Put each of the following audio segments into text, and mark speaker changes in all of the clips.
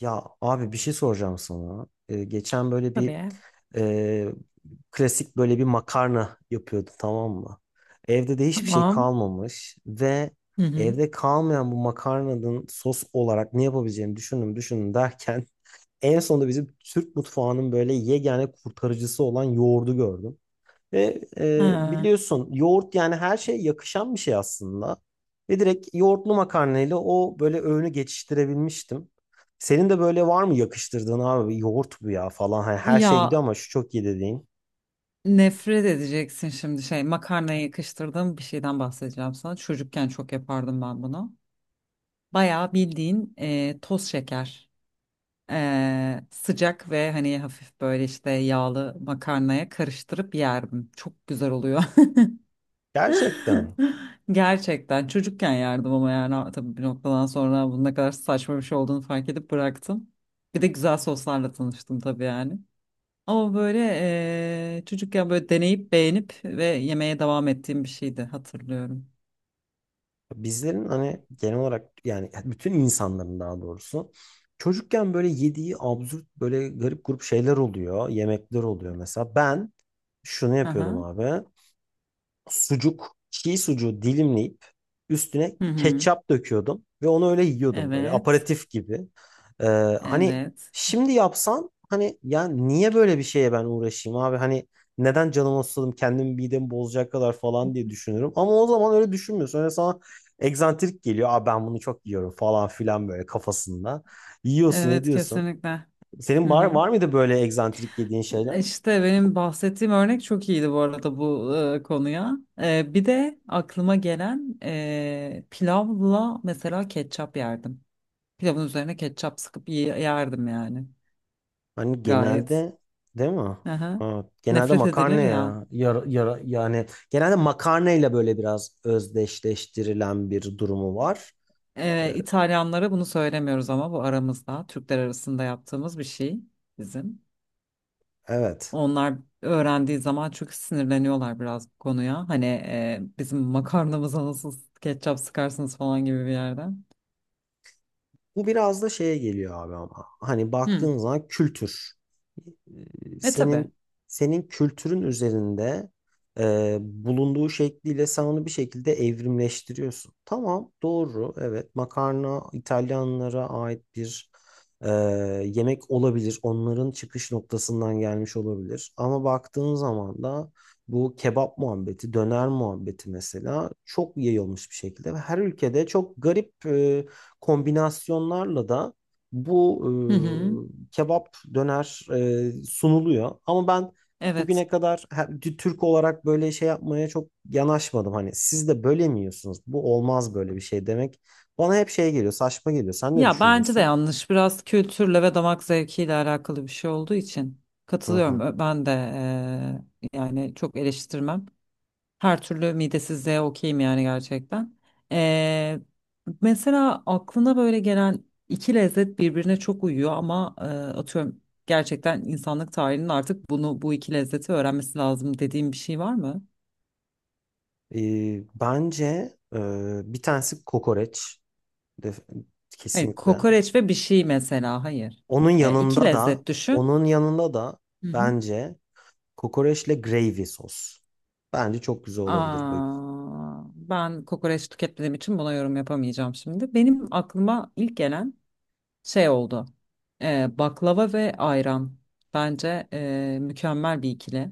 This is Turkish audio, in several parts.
Speaker 1: Ya abi bir şey soracağım sana. Geçen böyle bir
Speaker 2: Tabii.
Speaker 1: e, klasik böyle bir makarna yapıyordu, tamam mı? Evde de hiçbir şey
Speaker 2: Tamam.
Speaker 1: kalmamış ve
Speaker 2: Hı hı.
Speaker 1: evde kalmayan bu makarnanın sos olarak ne yapabileceğimi düşündüm düşündüm derken en sonunda bizim Türk mutfağının böyle yegane kurtarıcısı olan yoğurdu gördüm. Ve
Speaker 2: Ha.
Speaker 1: biliyorsun yoğurt yani her şeye yakışan bir şey aslında. Ve direkt yoğurtlu makarnayla o böyle öğünü geçiştirebilmiştim. Senin de böyle var mı yakıştırdığın abi, yoğurt bu ya falan. Hani her şey
Speaker 2: Ya
Speaker 1: gidiyor ama şu çok iyi dediğin.
Speaker 2: nefret edeceksin şimdi şey makarnaya yakıştırdığım bir şeyden bahsedeceğim sana. Çocukken çok yapardım ben bunu. Bayağı bildiğin toz şeker. Sıcak ve hani hafif böyle işte yağlı makarnaya karıştırıp yerdim. Çok güzel oluyor.
Speaker 1: Gerçekten
Speaker 2: Gerçekten çocukken yerdim ama yani tabii bir noktadan sonra bunun ne kadar saçma bir şey olduğunu fark edip bıraktım. Bir de güzel soslarla tanıştım tabii yani. Ama böyle çocukken böyle deneyip beğenip ve yemeye devam ettiğim bir şeydi hatırlıyorum.
Speaker 1: bizlerin hani genel olarak yani bütün insanların daha doğrusu çocukken böyle yediği absürt böyle garip grup şeyler oluyor. Yemekler oluyor mesela. Ben şunu yapıyordum
Speaker 2: Aha.
Speaker 1: abi. Sucuk, çiğ sucuğu dilimleyip üstüne
Speaker 2: Hı hı.
Speaker 1: ketçap döküyordum ve onu öyle yiyordum böyle
Speaker 2: Evet.
Speaker 1: aperatif gibi. Ee, hani
Speaker 2: Evet.
Speaker 1: şimdi yapsam hani ya niye böyle bir şeye ben uğraşayım abi, hani neden canımı sıkıldım kendimi midemi bozacak kadar falan diye düşünürüm ama o zaman öyle düşünmüyorsun. Öyle sana egzantrik geliyor. Aa, ben bunu çok yiyorum falan filan böyle kafasında. Yiyorsun, ne
Speaker 2: Evet,
Speaker 1: diyorsun?
Speaker 2: kesinlikle. Hı
Speaker 1: Senin var
Speaker 2: hı.
Speaker 1: var mıydı böyle egzantrik yediğin şeyler?
Speaker 2: İşte benim bahsettiğim örnek çok iyiydi bu arada bu konuya. Bir de aklıma gelen pilavla mesela ketçap yerdim. Pilavın üzerine ketçap sıkıp yerdim yani.
Speaker 1: Hani
Speaker 2: Gayet.
Speaker 1: genelde değil mi?
Speaker 2: Aha.
Speaker 1: Evet, genelde
Speaker 2: Nefret edilir
Speaker 1: makarna
Speaker 2: ya.
Speaker 1: ya. Yani genelde makarnayla böyle biraz özdeşleştirilen bir durumu var. Ee,
Speaker 2: İtalyanlara bunu söylemiyoruz ama bu aramızda. Türkler arasında yaptığımız bir şey bizim.
Speaker 1: Evet.
Speaker 2: Onlar öğrendiği zaman çok sinirleniyorlar biraz bu konuya. Hani bizim makarnamıza nasıl ketçap sıkarsınız falan gibi bir yerden.
Speaker 1: Bu biraz da şeye geliyor abi ama. Hani
Speaker 2: Hı.
Speaker 1: baktığın zaman kültür. Ee,
Speaker 2: E tabii.
Speaker 1: Senin senin kültürün üzerinde bulunduğu şekliyle sen onu bir şekilde evrimleştiriyorsun. Tamam, doğru. Evet, makarna İtalyanlara ait bir e, yemek olabilir. Onların çıkış noktasından gelmiş olabilir. Ama baktığın zaman da bu kebap muhabbeti, döner muhabbeti mesela çok yayılmış bir şekilde ve her ülkede çok garip kombinasyonlarla da bu
Speaker 2: Hı hı.
Speaker 1: kebap döner sunuluyor. Ama ben bugüne
Speaker 2: Evet.
Speaker 1: kadar Türk olarak böyle şey yapmaya çok yanaşmadım. Hani siz de böyle mi yiyorsunuz? Bu olmaz, böyle bir şey demek. Bana hep şey geliyor, saçma geliyor. Sen ne
Speaker 2: Ya bence de
Speaker 1: düşünüyorsun?
Speaker 2: yanlış. Biraz kültürle ve damak zevkiyle alakalı bir şey olduğu için
Speaker 1: Hı
Speaker 2: katılıyorum.
Speaker 1: hı.
Speaker 2: Ben de yani çok eleştirmem. Her türlü midesizliğe okeyim yani gerçekten. Eee, mesela aklına böyle gelen iki lezzet birbirine çok uyuyor ama atıyorum gerçekten insanlık tarihinin artık bunu bu iki lezzeti öğrenmesi lazım dediğim bir şey var mı?
Speaker 1: E, Bence e, bir tanesi kokoreç. Def-
Speaker 2: Hayır,
Speaker 1: Kesinlikle.
Speaker 2: kokoreç ve bir şey mesela. Hayır.
Speaker 1: Onun
Speaker 2: E, iki
Speaker 1: yanında da
Speaker 2: lezzet düşün.
Speaker 1: onun yanında da
Speaker 2: Hı hı.
Speaker 1: bence kokoreçle gravy sos. Bence çok güzel olabilir bu.
Speaker 2: Aa, ben kokoreç tüketmediğim için buna yorum yapamayacağım şimdi. Benim aklıma ilk gelen şey oldu. Baklava ve ayran. Bence mükemmel bir ikili.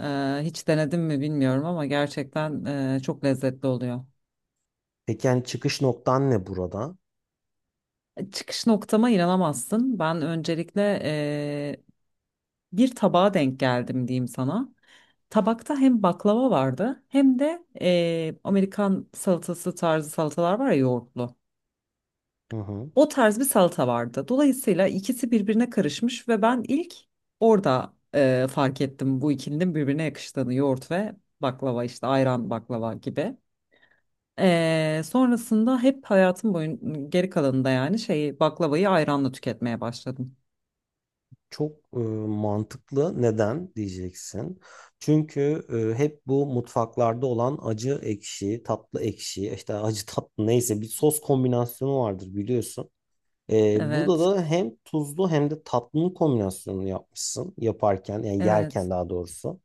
Speaker 2: Hiç denedim mi bilmiyorum ama gerçekten çok lezzetli oluyor.
Speaker 1: Peki yani çıkış noktan ne burada?
Speaker 2: Çıkış noktama inanamazsın. Ben öncelikle bir tabağa denk geldim diyeyim sana. Tabakta hem baklava vardı hem de Amerikan salatası tarzı salatalar var ya yoğurtlu.
Speaker 1: Hı hı.
Speaker 2: O tarz bir salata vardı. Dolayısıyla ikisi birbirine karışmış ve ben ilk orada fark ettim bu ikilinin birbirine yakıştığını. Yoğurt ve baklava işte ayran baklava gibi. Sonrasında hep hayatım boyun geri kalanında yani şeyi baklavayı ayranla tüketmeye başladım.
Speaker 1: Çok mantıklı. Neden diyeceksin? Çünkü hep bu mutfaklarda olan acı ekşi, tatlı ekşi, işte acı tatlı neyse bir sos kombinasyonu vardır biliyorsun. Burada
Speaker 2: Evet,
Speaker 1: da hem tuzlu hem de tatlı kombinasyonunu yapmışsın yaparken yani yerken
Speaker 2: evet.
Speaker 1: daha doğrusu.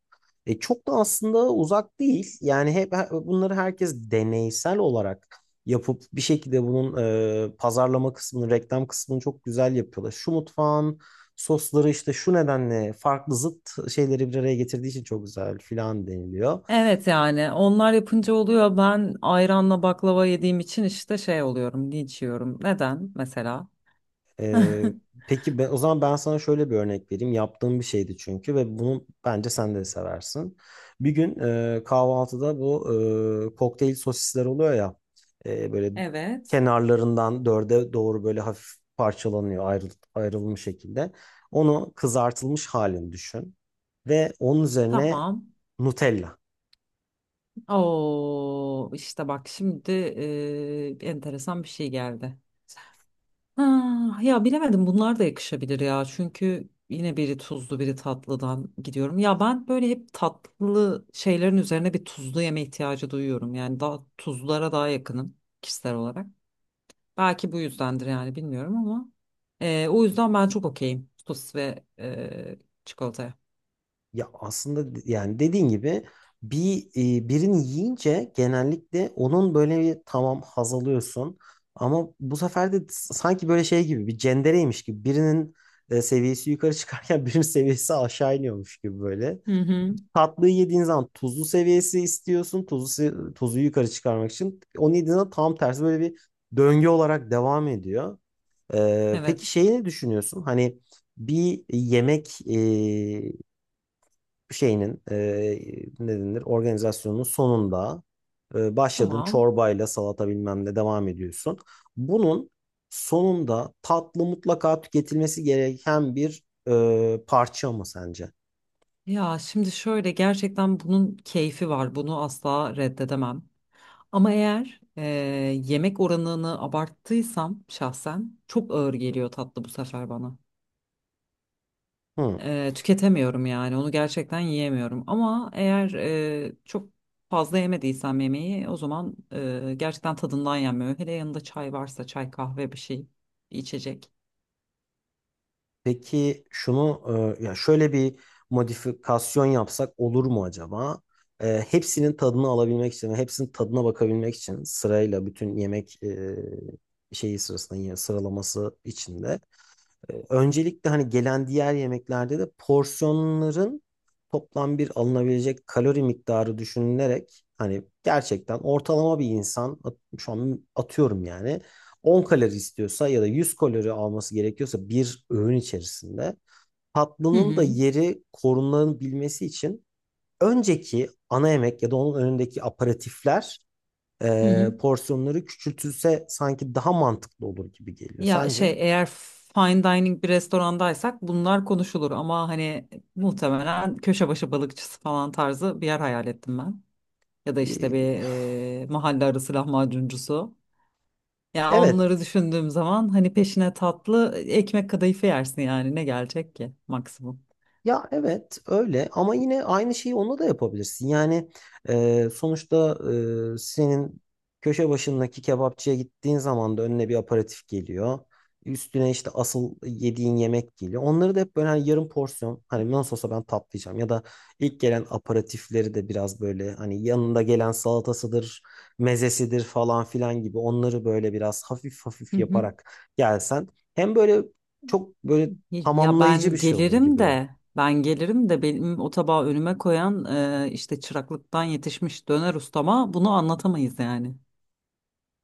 Speaker 1: Çok da aslında uzak değil. Yani bunları herkes deneysel olarak yapıp bir şekilde bunun pazarlama kısmını, reklam kısmını çok güzel yapıyorlar. Şu mutfağın sosları işte şu nedenle farklı zıt şeyleri bir araya getirdiği için çok güzel filan deniliyor.
Speaker 2: Evet yani onlar yapınca oluyor. Ben ayranla baklava yediğim için işte şey oluyorum, linç yiyorum. Neden mesela?
Speaker 1: Ee, peki o zaman ben sana şöyle bir örnek vereyim. Yaptığım bir şeydi çünkü ve bunu bence sen de seversin. Bir gün kahvaltıda bu kokteyl sosisler oluyor ya, böyle
Speaker 2: Evet.
Speaker 1: kenarlarından dörde doğru böyle hafif parçalanıyor ayrılmış şekilde. Onu kızartılmış halini düşün ve onun üzerine
Speaker 2: Tamam.
Speaker 1: Nutella.
Speaker 2: Oo işte bak şimdi enteresan bir şey geldi. Ha, ya bilemedim bunlar da yakışabilir ya. Çünkü yine biri tuzlu biri tatlıdan gidiyorum. Ya ben böyle hep tatlı şeylerin üzerine bir tuzlu yeme ihtiyacı duyuyorum. Yani daha tuzlulara daha yakınım kişisel olarak. Belki bu yüzdendir yani bilmiyorum ama o yüzden ben çok okeyim sosis ve çikolataya.
Speaker 1: Ya aslında yani dediğin gibi bir birini yiyince genellikle onun böyle bir tamam haz alıyorsun ama bu sefer de sanki böyle şey gibi bir cendereymiş gibi birinin seviyesi yukarı çıkarken birinin seviyesi aşağı iniyormuş gibi böyle.
Speaker 2: Hı hı.
Speaker 1: Tatlıyı yediğin zaman tuzlu seviyesi istiyorsun. Tuzu yukarı çıkarmak için. Onu yediğin zaman tam tersi böyle bir döngü olarak devam ediyor. Peki
Speaker 2: Evet.
Speaker 1: şeyi ne düşünüyorsun? Hani bir yemek şeyinin ne denir organizasyonun sonunda başladığın
Speaker 2: Tamam.
Speaker 1: çorbayla salata bilmem ne devam ediyorsun. Bunun sonunda tatlı mutlaka tüketilmesi gereken bir parça mı sence?
Speaker 2: Ya şimdi şöyle gerçekten bunun keyfi var. Bunu asla reddedemem. Ama eğer yemek oranını abarttıysam şahsen çok ağır geliyor tatlı bu sefer bana.
Speaker 1: Hı.
Speaker 2: Tüketemiyorum yani onu gerçekten yiyemiyorum ama eğer çok fazla yemediysem yemeği o zaman gerçekten tadından yenmiyor. Hele yanında çay varsa çay kahve bir şey bir içecek.
Speaker 1: Peki şunu, ya şöyle bir modifikasyon yapsak olur mu acaba? Hepsinin tadını alabilmek için ve hepsinin tadına bakabilmek için sırayla bütün yemek şeyi sırasında yine sıralaması içinde. Öncelikle hani gelen diğer yemeklerde de porsiyonların toplam bir alınabilecek kalori miktarı düşünülerek hani gerçekten ortalama bir insan şu an atıyorum yani 10 kalori istiyorsa ya da 100 kalori alması gerekiyorsa bir öğün içerisinde
Speaker 2: Hı
Speaker 1: tatlının da
Speaker 2: hı.
Speaker 1: yeri korunabilmesi için önceki ana yemek ya da onun önündeki aperatifler
Speaker 2: Hı hı.
Speaker 1: porsiyonları küçültülse sanki daha mantıklı olur gibi geliyor.
Speaker 2: Ya şey
Speaker 1: Sence?
Speaker 2: eğer fine dining bir restorandaysak bunlar konuşulur ama hani muhtemelen köşe başı balıkçısı falan tarzı bir yer hayal ettim ben. Ya da
Speaker 1: E,
Speaker 2: işte bir mahalle arası lahmacuncusu. Ya onları
Speaker 1: Evet.
Speaker 2: düşündüğüm zaman hani peşine tatlı ekmek kadayıfı yersin yani ne gelecek ki maksimum.
Speaker 1: Ya evet öyle, ama yine aynı şeyi onunla da yapabilirsin. Yani sonuçta senin köşe başındaki kebapçıya gittiğin zaman da önüne bir aperatif geliyor. Üstüne işte asıl yediğin yemek geliyor. Onları da hep böyle hani yarım porsiyon hani nasıl olsa ben tatlayacağım ya da ilk gelen aperatifleri de biraz böyle hani yanında gelen salatasıdır, mezesidir falan filan gibi onları böyle biraz hafif hafif
Speaker 2: Hı hı.
Speaker 1: yaparak gelsen hem böyle çok böyle
Speaker 2: Ya
Speaker 1: tamamlayıcı bir
Speaker 2: ben
Speaker 1: şey olur
Speaker 2: gelirim
Speaker 1: gibi.
Speaker 2: de ben gelirim de benim o tabağı önüme koyan işte çıraklıktan yetişmiş döner ustama bunu anlatamayız yani.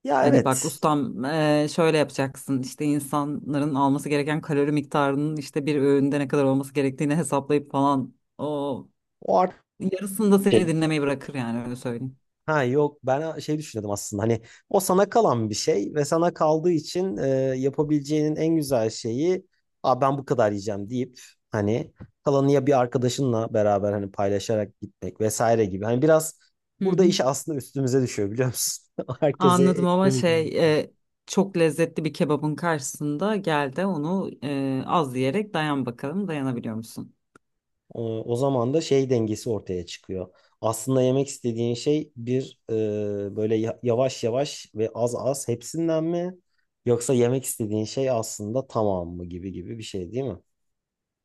Speaker 1: Ya
Speaker 2: Hani bak
Speaker 1: evet.
Speaker 2: ustam şöyle yapacaksın işte insanların alması gereken kalori miktarının işte bir öğünde ne kadar olması gerektiğini hesaplayıp falan o
Speaker 1: O artık
Speaker 2: yarısında seni
Speaker 1: şey.
Speaker 2: dinlemeyi bırakır yani öyle söyleyeyim.
Speaker 1: Ha yok, ben şey düşünüyordum aslında hani o sana kalan bir şey ve sana kaldığı için yapabileceğinin en güzel şeyi, aa ben bu kadar yiyeceğim deyip hani kalanı ya bir arkadaşınla beraber hani paylaşarak gitmek vesaire gibi. Hani biraz
Speaker 2: Hı
Speaker 1: burada
Speaker 2: hı.
Speaker 1: iş aslında üstümüze düşüyor biliyor musun? Herkese
Speaker 2: Anladım ama şey
Speaker 1: eklemeyeceğim.
Speaker 2: çok lezzetli bir kebabın karşısında gel de onu az yiyerek dayan bakalım dayanabiliyor musun?
Speaker 1: O zaman da şey dengesi ortaya çıkıyor. Aslında yemek istediğin şey bir, böyle yavaş yavaş ve az az hepsinden mi? Yoksa yemek istediğin şey aslında tamam mı gibi gibi bir şey değil mi?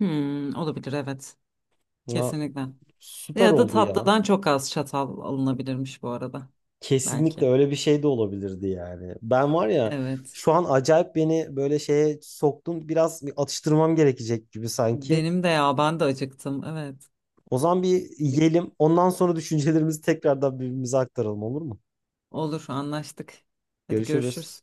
Speaker 2: Hmm, olabilir, evet,
Speaker 1: Ya,
Speaker 2: kesinlikle.
Speaker 1: süper
Speaker 2: Ya da
Speaker 1: oldu ya.
Speaker 2: tatlıdan çok az çatal alınabilirmiş bu arada belki.
Speaker 1: Kesinlikle öyle bir şey de olabilirdi yani. Ben var ya
Speaker 2: Evet,
Speaker 1: şu an acayip beni böyle şeye soktun. Biraz bir atıştırmam gerekecek gibi sanki.
Speaker 2: benim de, ya ben de acıktım, evet.
Speaker 1: O zaman bir yiyelim. Ondan sonra düşüncelerimizi tekrardan birbirimize aktaralım, olur mu?
Speaker 2: Olur, anlaştık. Hadi
Speaker 1: Görüşürüz.
Speaker 2: görüşürüz.